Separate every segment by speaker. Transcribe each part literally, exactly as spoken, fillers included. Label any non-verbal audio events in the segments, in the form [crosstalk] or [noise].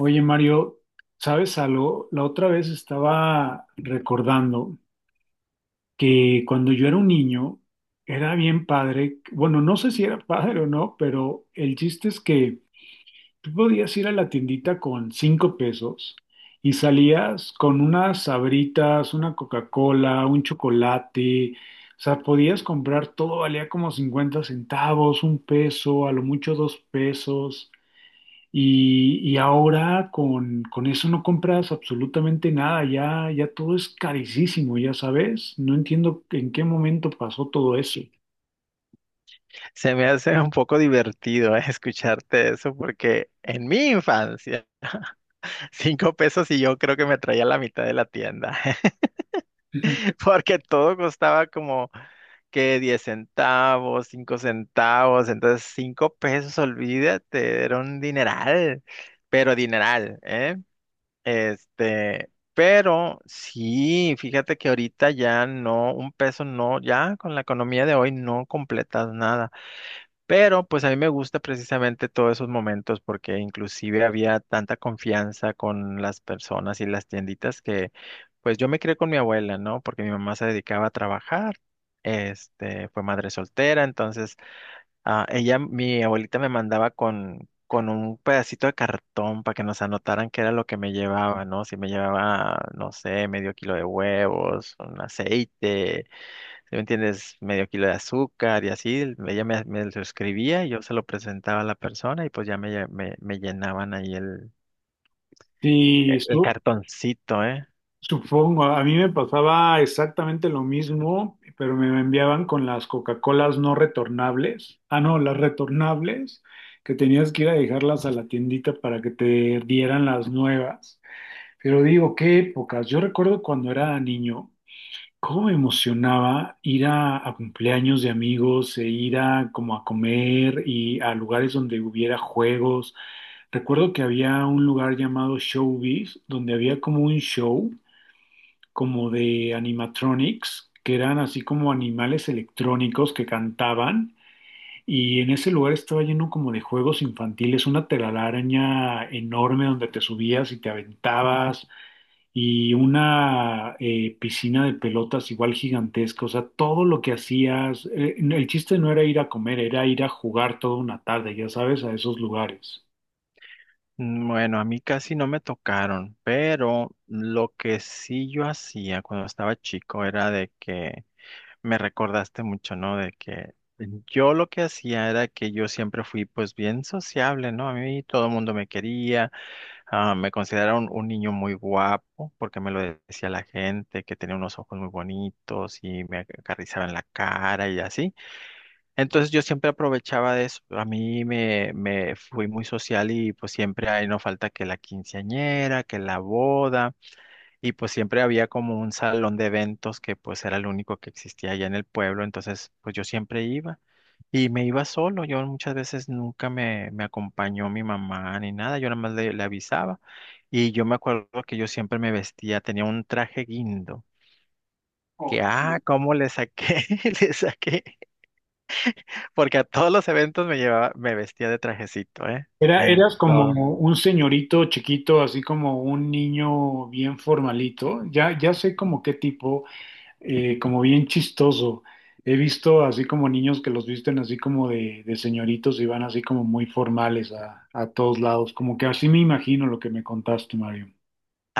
Speaker 1: Oye, Mario, ¿sabes algo? La otra vez estaba recordando que cuando yo era un niño era bien padre. Bueno, no sé si era padre o no, pero el chiste es que tú podías ir a la tiendita con cinco pesos y salías con unas sabritas, una Coca-Cola, un chocolate, o sea, podías comprar todo, valía como cincuenta centavos, un peso, a lo mucho dos pesos. Y, y ahora con, con eso no compras absolutamente nada, ya, ya todo es carísimo, ya sabes. No entiendo en qué momento pasó todo eso.
Speaker 2: Se me hace un poco divertido eh, escucharte eso porque en mi infancia, [laughs] cinco pesos y yo creo que me traía la mitad de la tienda,
Speaker 1: Ujú.
Speaker 2: [laughs] porque todo costaba como que diez centavos, cinco centavos, entonces cinco pesos, olvídate, era un dineral, pero dineral, ¿eh? Este, pero sí, fíjate que ahorita ya no, un peso no, ya con la economía de hoy no completas nada. Pero pues a mí me gusta precisamente todos esos momentos porque inclusive había tanta confianza con las personas y las tienditas que pues yo me crié con mi abuela, ¿no? Porque mi mamá se dedicaba a trabajar, este, fue madre soltera. Entonces, ah, ella, mi abuelita me mandaba con, con un pedacito de cartón para que nos anotaran qué era lo que me llevaba, ¿no? Si me llevaba, no sé, medio kilo de huevos, un aceite, si me entiendes, medio kilo de azúcar y así, el- ella me, me lo escribía y yo se lo presentaba a la persona, y pues ya me, lle- me, me llenaban ahí el,
Speaker 1: Sí,
Speaker 2: el el
Speaker 1: su-
Speaker 2: cartoncito, ¿eh?
Speaker 1: supongo, a mí me pasaba exactamente lo mismo, pero me enviaban con las Coca-Colas no retornables. Ah, no, las retornables, que tenías que ir a dejarlas a la tiendita para que te dieran las nuevas. Pero digo, qué épocas. Yo recuerdo cuando era niño, cómo me emocionaba ir a, a cumpleaños de amigos e ir a como a comer y a lugares donde hubiera juegos. Recuerdo que había un lugar llamado Showbiz, donde había como un show como de animatronics, que eran así como animales electrónicos que cantaban. Y en ese lugar estaba lleno como de juegos infantiles, una telaraña enorme donde te subías y te aventabas, y una eh, piscina de pelotas igual gigantesca. O sea, todo lo que hacías, eh, el chiste no era ir a comer, era ir a jugar toda una tarde, ya sabes, a esos lugares.
Speaker 2: Mm, bueno, a mí casi no me tocaron, pero lo que sí yo hacía cuando estaba chico era de que me recordaste mucho, ¿no? De que yo lo que hacía era que yo siempre fui pues bien sociable, ¿no? A mí todo el mundo me quería. Ah, me considero un, un niño muy guapo porque me lo decía la gente, que tenía unos ojos muy bonitos y me acariciaba en la cara y así. Entonces yo siempre aprovechaba de eso. A mí me, me fui muy social y pues siempre ahí no falta que la quinceañera, que la boda. Y pues siempre había como un salón de eventos que pues era el único que existía allá en el pueblo, entonces pues yo siempre iba y me iba solo, yo muchas veces nunca me, me acompañó mi mamá ni nada, yo nada más le, le avisaba. Y yo me acuerdo que yo siempre me vestía, tenía un traje guindo, que,
Speaker 1: Ok.
Speaker 2: ah, cómo le saqué, [laughs] le saqué, porque a todos los eventos me llevaba, me vestía de trajecito, ¿eh?
Speaker 1: Era,
Speaker 2: En
Speaker 1: eras como
Speaker 2: todo.
Speaker 1: un señorito chiquito, así como un niño bien formalito, ya, ya sé como qué tipo, eh, como bien chistoso. He visto así como niños que los visten así como de, de señoritos y van así como muy formales a, a todos lados, como que así me imagino lo que me contaste, Mario.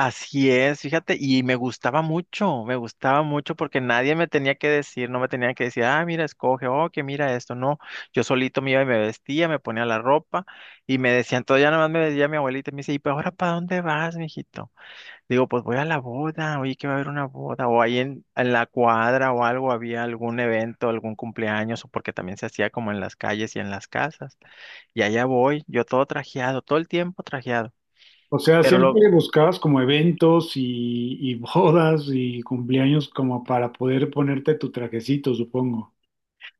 Speaker 2: Así es, fíjate, y me gustaba mucho, me gustaba mucho porque nadie me tenía que decir, no me tenía que decir, ah, mira, escoge, oh, que mira esto, no, yo solito me iba y me vestía, me ponía la ropa y me decían, todo ya nada más me decía mi abuelita, y me dice: ¿y pero ahora para dónde vas, mijito? Digo, pues voy a la boda, oye, que va a haber una boda, o ahí en, en la cuadra o algo había algún evento, algún cumpleaños, o porque también se hacía como en las calles y en las casas, y allá voy, yo todo trajeado, todo el tiempo trajeado.
Speaker 1: O sea,
Speaker 2: Pero lo,
Speaker 1: siempre buscabas como eventos y, y bodas y cumpleaños como para poder ponerte tu trajecito, supongo.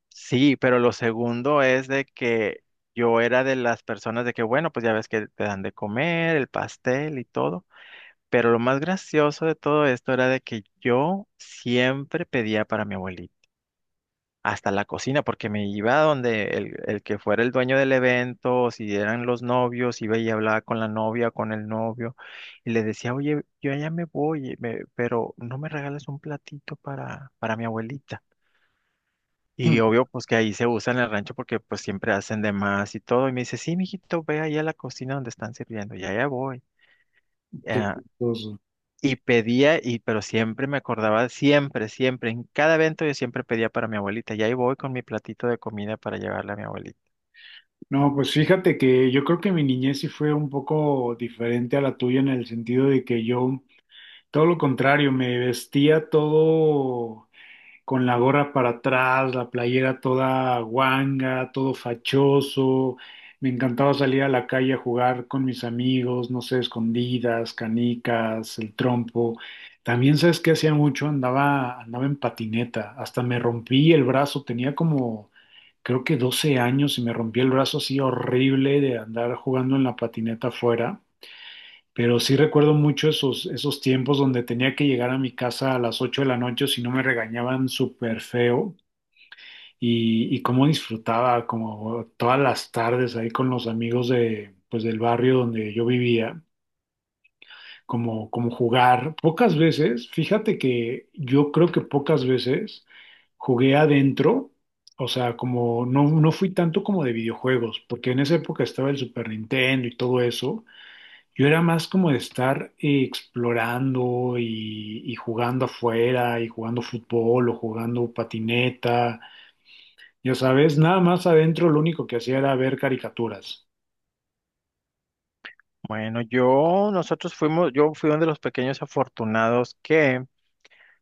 Speaker 2: Sí, pero lo segundo es de que yo era de las personas de que, bueno, pues ya ves que te dan de comer, el pastel y todo. Pero lo más gracioso de todo esto era de que yo siempre pedía para mi abuelita, hasta la cocina, porque me iba a donde el, el que fuera el dueño del evento, o si eran los novios, iba y hablaba con la novia, con el novio, y le decía: oye, yo ya me voy, me- pero no me regales un platito para, para, mi abuelita. Y obvio,
Speaker 1: [laughs]
Speaker 2: pues que ahí se usa en el rancho porque pues siempre hacen de más y todo. Y me dice: sí, mijito, ve ahí a la cocina donde están sirviendo. Y allá voy.
Speaker 1: Qué
Speaker 2: Ah,
Speaker 1: chistoso.
Speaker 2: y pedía, y pero siempre me acordaba, siempre, siempre, en cada evento yo siempre pedía para mi abuelita. Y ahí voy con mi platito de comida para llevarle a mi abuelita.
Speaker 1: No, pues fíjate que yo creo que mi niñez sí fue un poco diferente a la tuya en el sentido de que yo, todo lo contrario, me vestía todo con la gorra para atrás, la playera toda guanga, todo fachoso. Me encantaba salir a la calle a jugar con mis amigos, no sé, escondidas, canicas, el trompo. También sabes qué hacía mucho, andaba, andaba en patineta, hasta me rompí el brazo, tenía como creo que doce años y me rompí el brazo así horrible de andar jugando en la patineta afuera. Pero sí recuerdo mucho esos, esos tiempos donde tenía que llegar a mi casa a las ocho de la noche, o si no me regañaban súper feo. Y, y cómo disfrutaba como todas las tardes ahí con los amigos de, pues, del barrio donde yo vivía, como, como jugar. Pocas veces, fíjate que yo creo que pocas veces jugué adentro, o sea, como no, no fui tanto como de videojuegos, porque en esa época estaba el Super Nintendo y todo eso. Yo era más como de estar eh, explorando y, y jugando afuera y jugando fútbol o jugando patineta. Ya sabes, nada más adentro lo único que hacía era ver caricaturas.
Speaker 2: Bueno, yo, nosotros fuimos, yo fui uno de los pequeños afortunados que,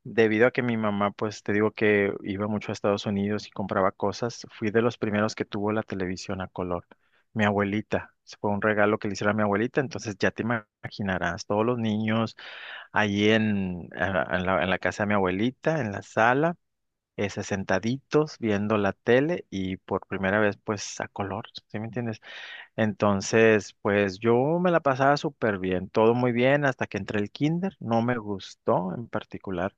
Speaker 2: debido a que mi mamá, pues te digo que iba mucho a Estados Unidos y compraba cosas, fui de los primeros que tuvo la televisión a color. Mi abuelita, se fue un regalo que le hicieron a mi abuelita, entonces ya te ima- imaginarás, todos los niños ahí en, a- en la, en la casa de mi abuelita, en la sala, ese, sentaditos viendo la tele y por primera vez pues a color, ¿sí me entiendes? Entonces, pues yo me la pasaba súper bien, todo muy bien hasta que entré el kinder, no me gustó en particular,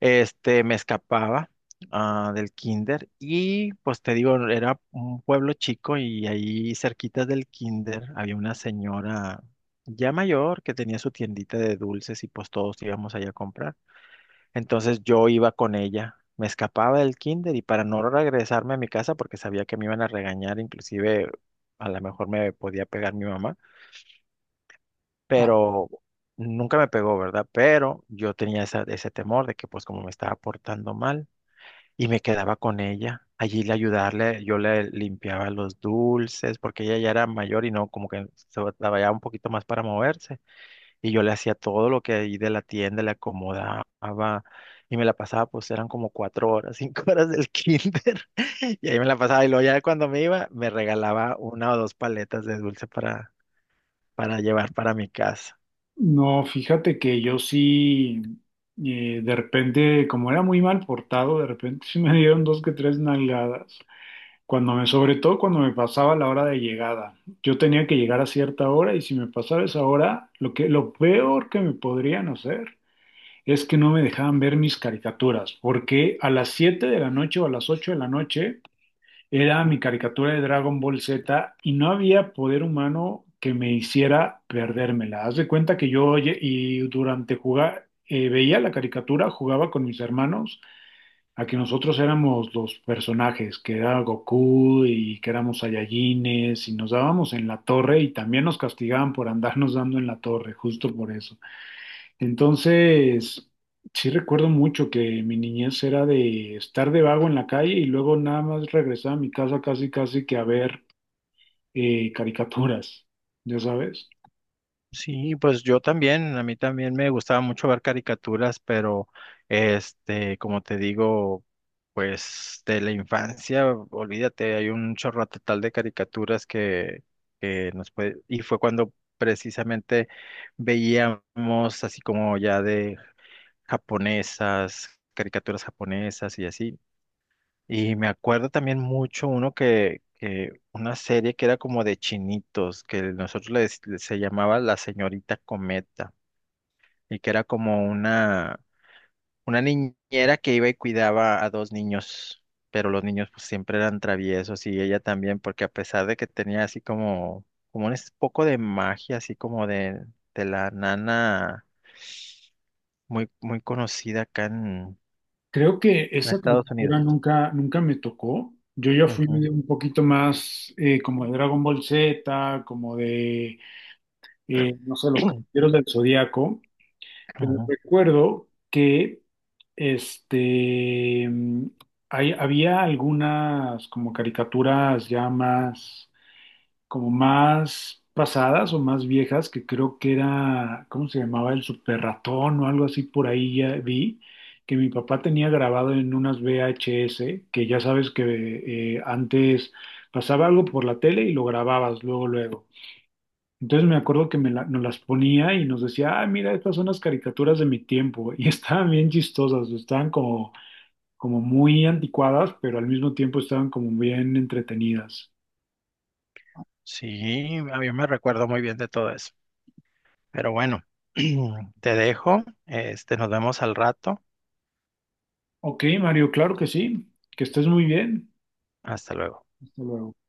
Speaker 2: este, me escapaba, ah, del kinder, y pues te digo, era un pueblo chico y ahí cerquita del kinder había una señora ya mayor que tenía su tiendita de dulces y pues todos íbamos allá a comprar. Entonces yo iba con ella, me escapaba del kinder y para no regresarme a mi casa porque sabía que me iban a regañar, inclusive a lo mejor me podía pegar mi mamá,
Speaker 1: Ah,
Speaker 2: pero... Nunca me pegó, ¿verdad? Pero yo tenía esa- ese temor de que pues como me estaba portando mal, y me quedaba con ella. Allí le ayudarle, yo le limpiaba los dulces, porque ella ya era mayor y no, como que se batallaba un poquito más para moverse. Y yo le hacía todo lo que ahí de la tienda le acomodaba. Y me la pasaba, pues eran como cuatro horas, cinco [laughs] horas del kinder. [laughs] Y ahí me la pasaba. Y luego ya cuando me iba, me regalaba una o dos paletas de dulce para, para llevar para mi casa.
Speaker 1: no, fíjate que yo sí, eh, de repente, como era muy mal portado, de repente sí me dieron dos que tres nalgadas. Cuando me, sobre todo cuando me pasaba la hora de llegada. Yo tenía que llegar a cierta hora y si me pasaba esa hora, lo que, lo peor que me podrían hacer es que no me dejaban ver mis caricaturas, porque a las siete de la noche o a las ocho de la noche era mi caricatura de Dragon Ball Z y no había poder humano que me hiciera perdérmela. Haz de cuenta que yo oye, y durante jugar eh, veía la caricatura, jugaba con mis hermanos, a que nosotros éramos los personajes, que era Goku y que éramos Saiyajines, y nos dábamos en la torre, y también nos castigaban por andarnos dando en la torre, justo por eso. Entonces, sí recuerdo mucho que mi niñez era de estar de vago en la calle y luego nada más regresar a mi casa casi casi que a ver eh, caricaturas, ya sabes.
Speaker 2: Sí, pues yo también, a mí también me gustaba mucho ver caricaturas, pero este, como te digo, pues de la infancia, olvídate, hay un chorro total de caricaturas que, que nos puede, y fue cuando precisamente veíamos así como ya de japonesas, caricaturas japonesas y así. Y me acuerdo también mucho uno que, que una serie que era como de chinitos, que nosotros le dec- le- se llamaba La Señorita Cometa, y que era como una, una niñera que iba y cuidaba a dos niños, pero los niños pues siempre eran traviesos y ella también, porque a pesar de que tenía así como, como un es- poco de magia, así como de, de la nana muy, muy conocida acá en,
Speaker 1: Creo que
Speaker 2: en
Speaker 1: esa
Speaker 2: Estados Unidos.
Speaker 1: caricatura nunca, nunca me tocó. Yo ya fui
Speaker 2: Ujú.
Speaker 1: medio un poquito más eh, como de Dragon Ball Z, como de, eh, no sé, los
Speaker 2: [clears throat]
Speaker 1: Caballeros del Zodíaco. Pero
Speaker 2: Ujú.
Speaker 1: recuerdo que este mm, hay- había algunas como caricaturas ya más como más pasadas o más viejas, que creo que era, ¿cómo se llamaba? El super ratón o algo así. Por ahí ya vi que mi papá tenía grabado en unas V H S, que ya sabes que eh, antes pasaba algo por la tele y lo grababas luego luego. Entonces me acuerdo que me la- nos las ponía y nos decía, ah, mira, estas son las caricaturas de mi tiempo. Y [laughs] estaban bien chistosas, estaban como, como muy anticuadas, pero al mismo tiempo estaban como bien entretenidas.
Speaker 2: Sí, a mí me recuerdo muy bien de todo eso. Pero bueno, [clears throat] te dejo. Este, nos vemos al rato.
Speaker 1: Ok, Mario, claro que sí. Que estés muy bien.
Speaker 2: Hasta luego.
Speaker 1: Hasta luego.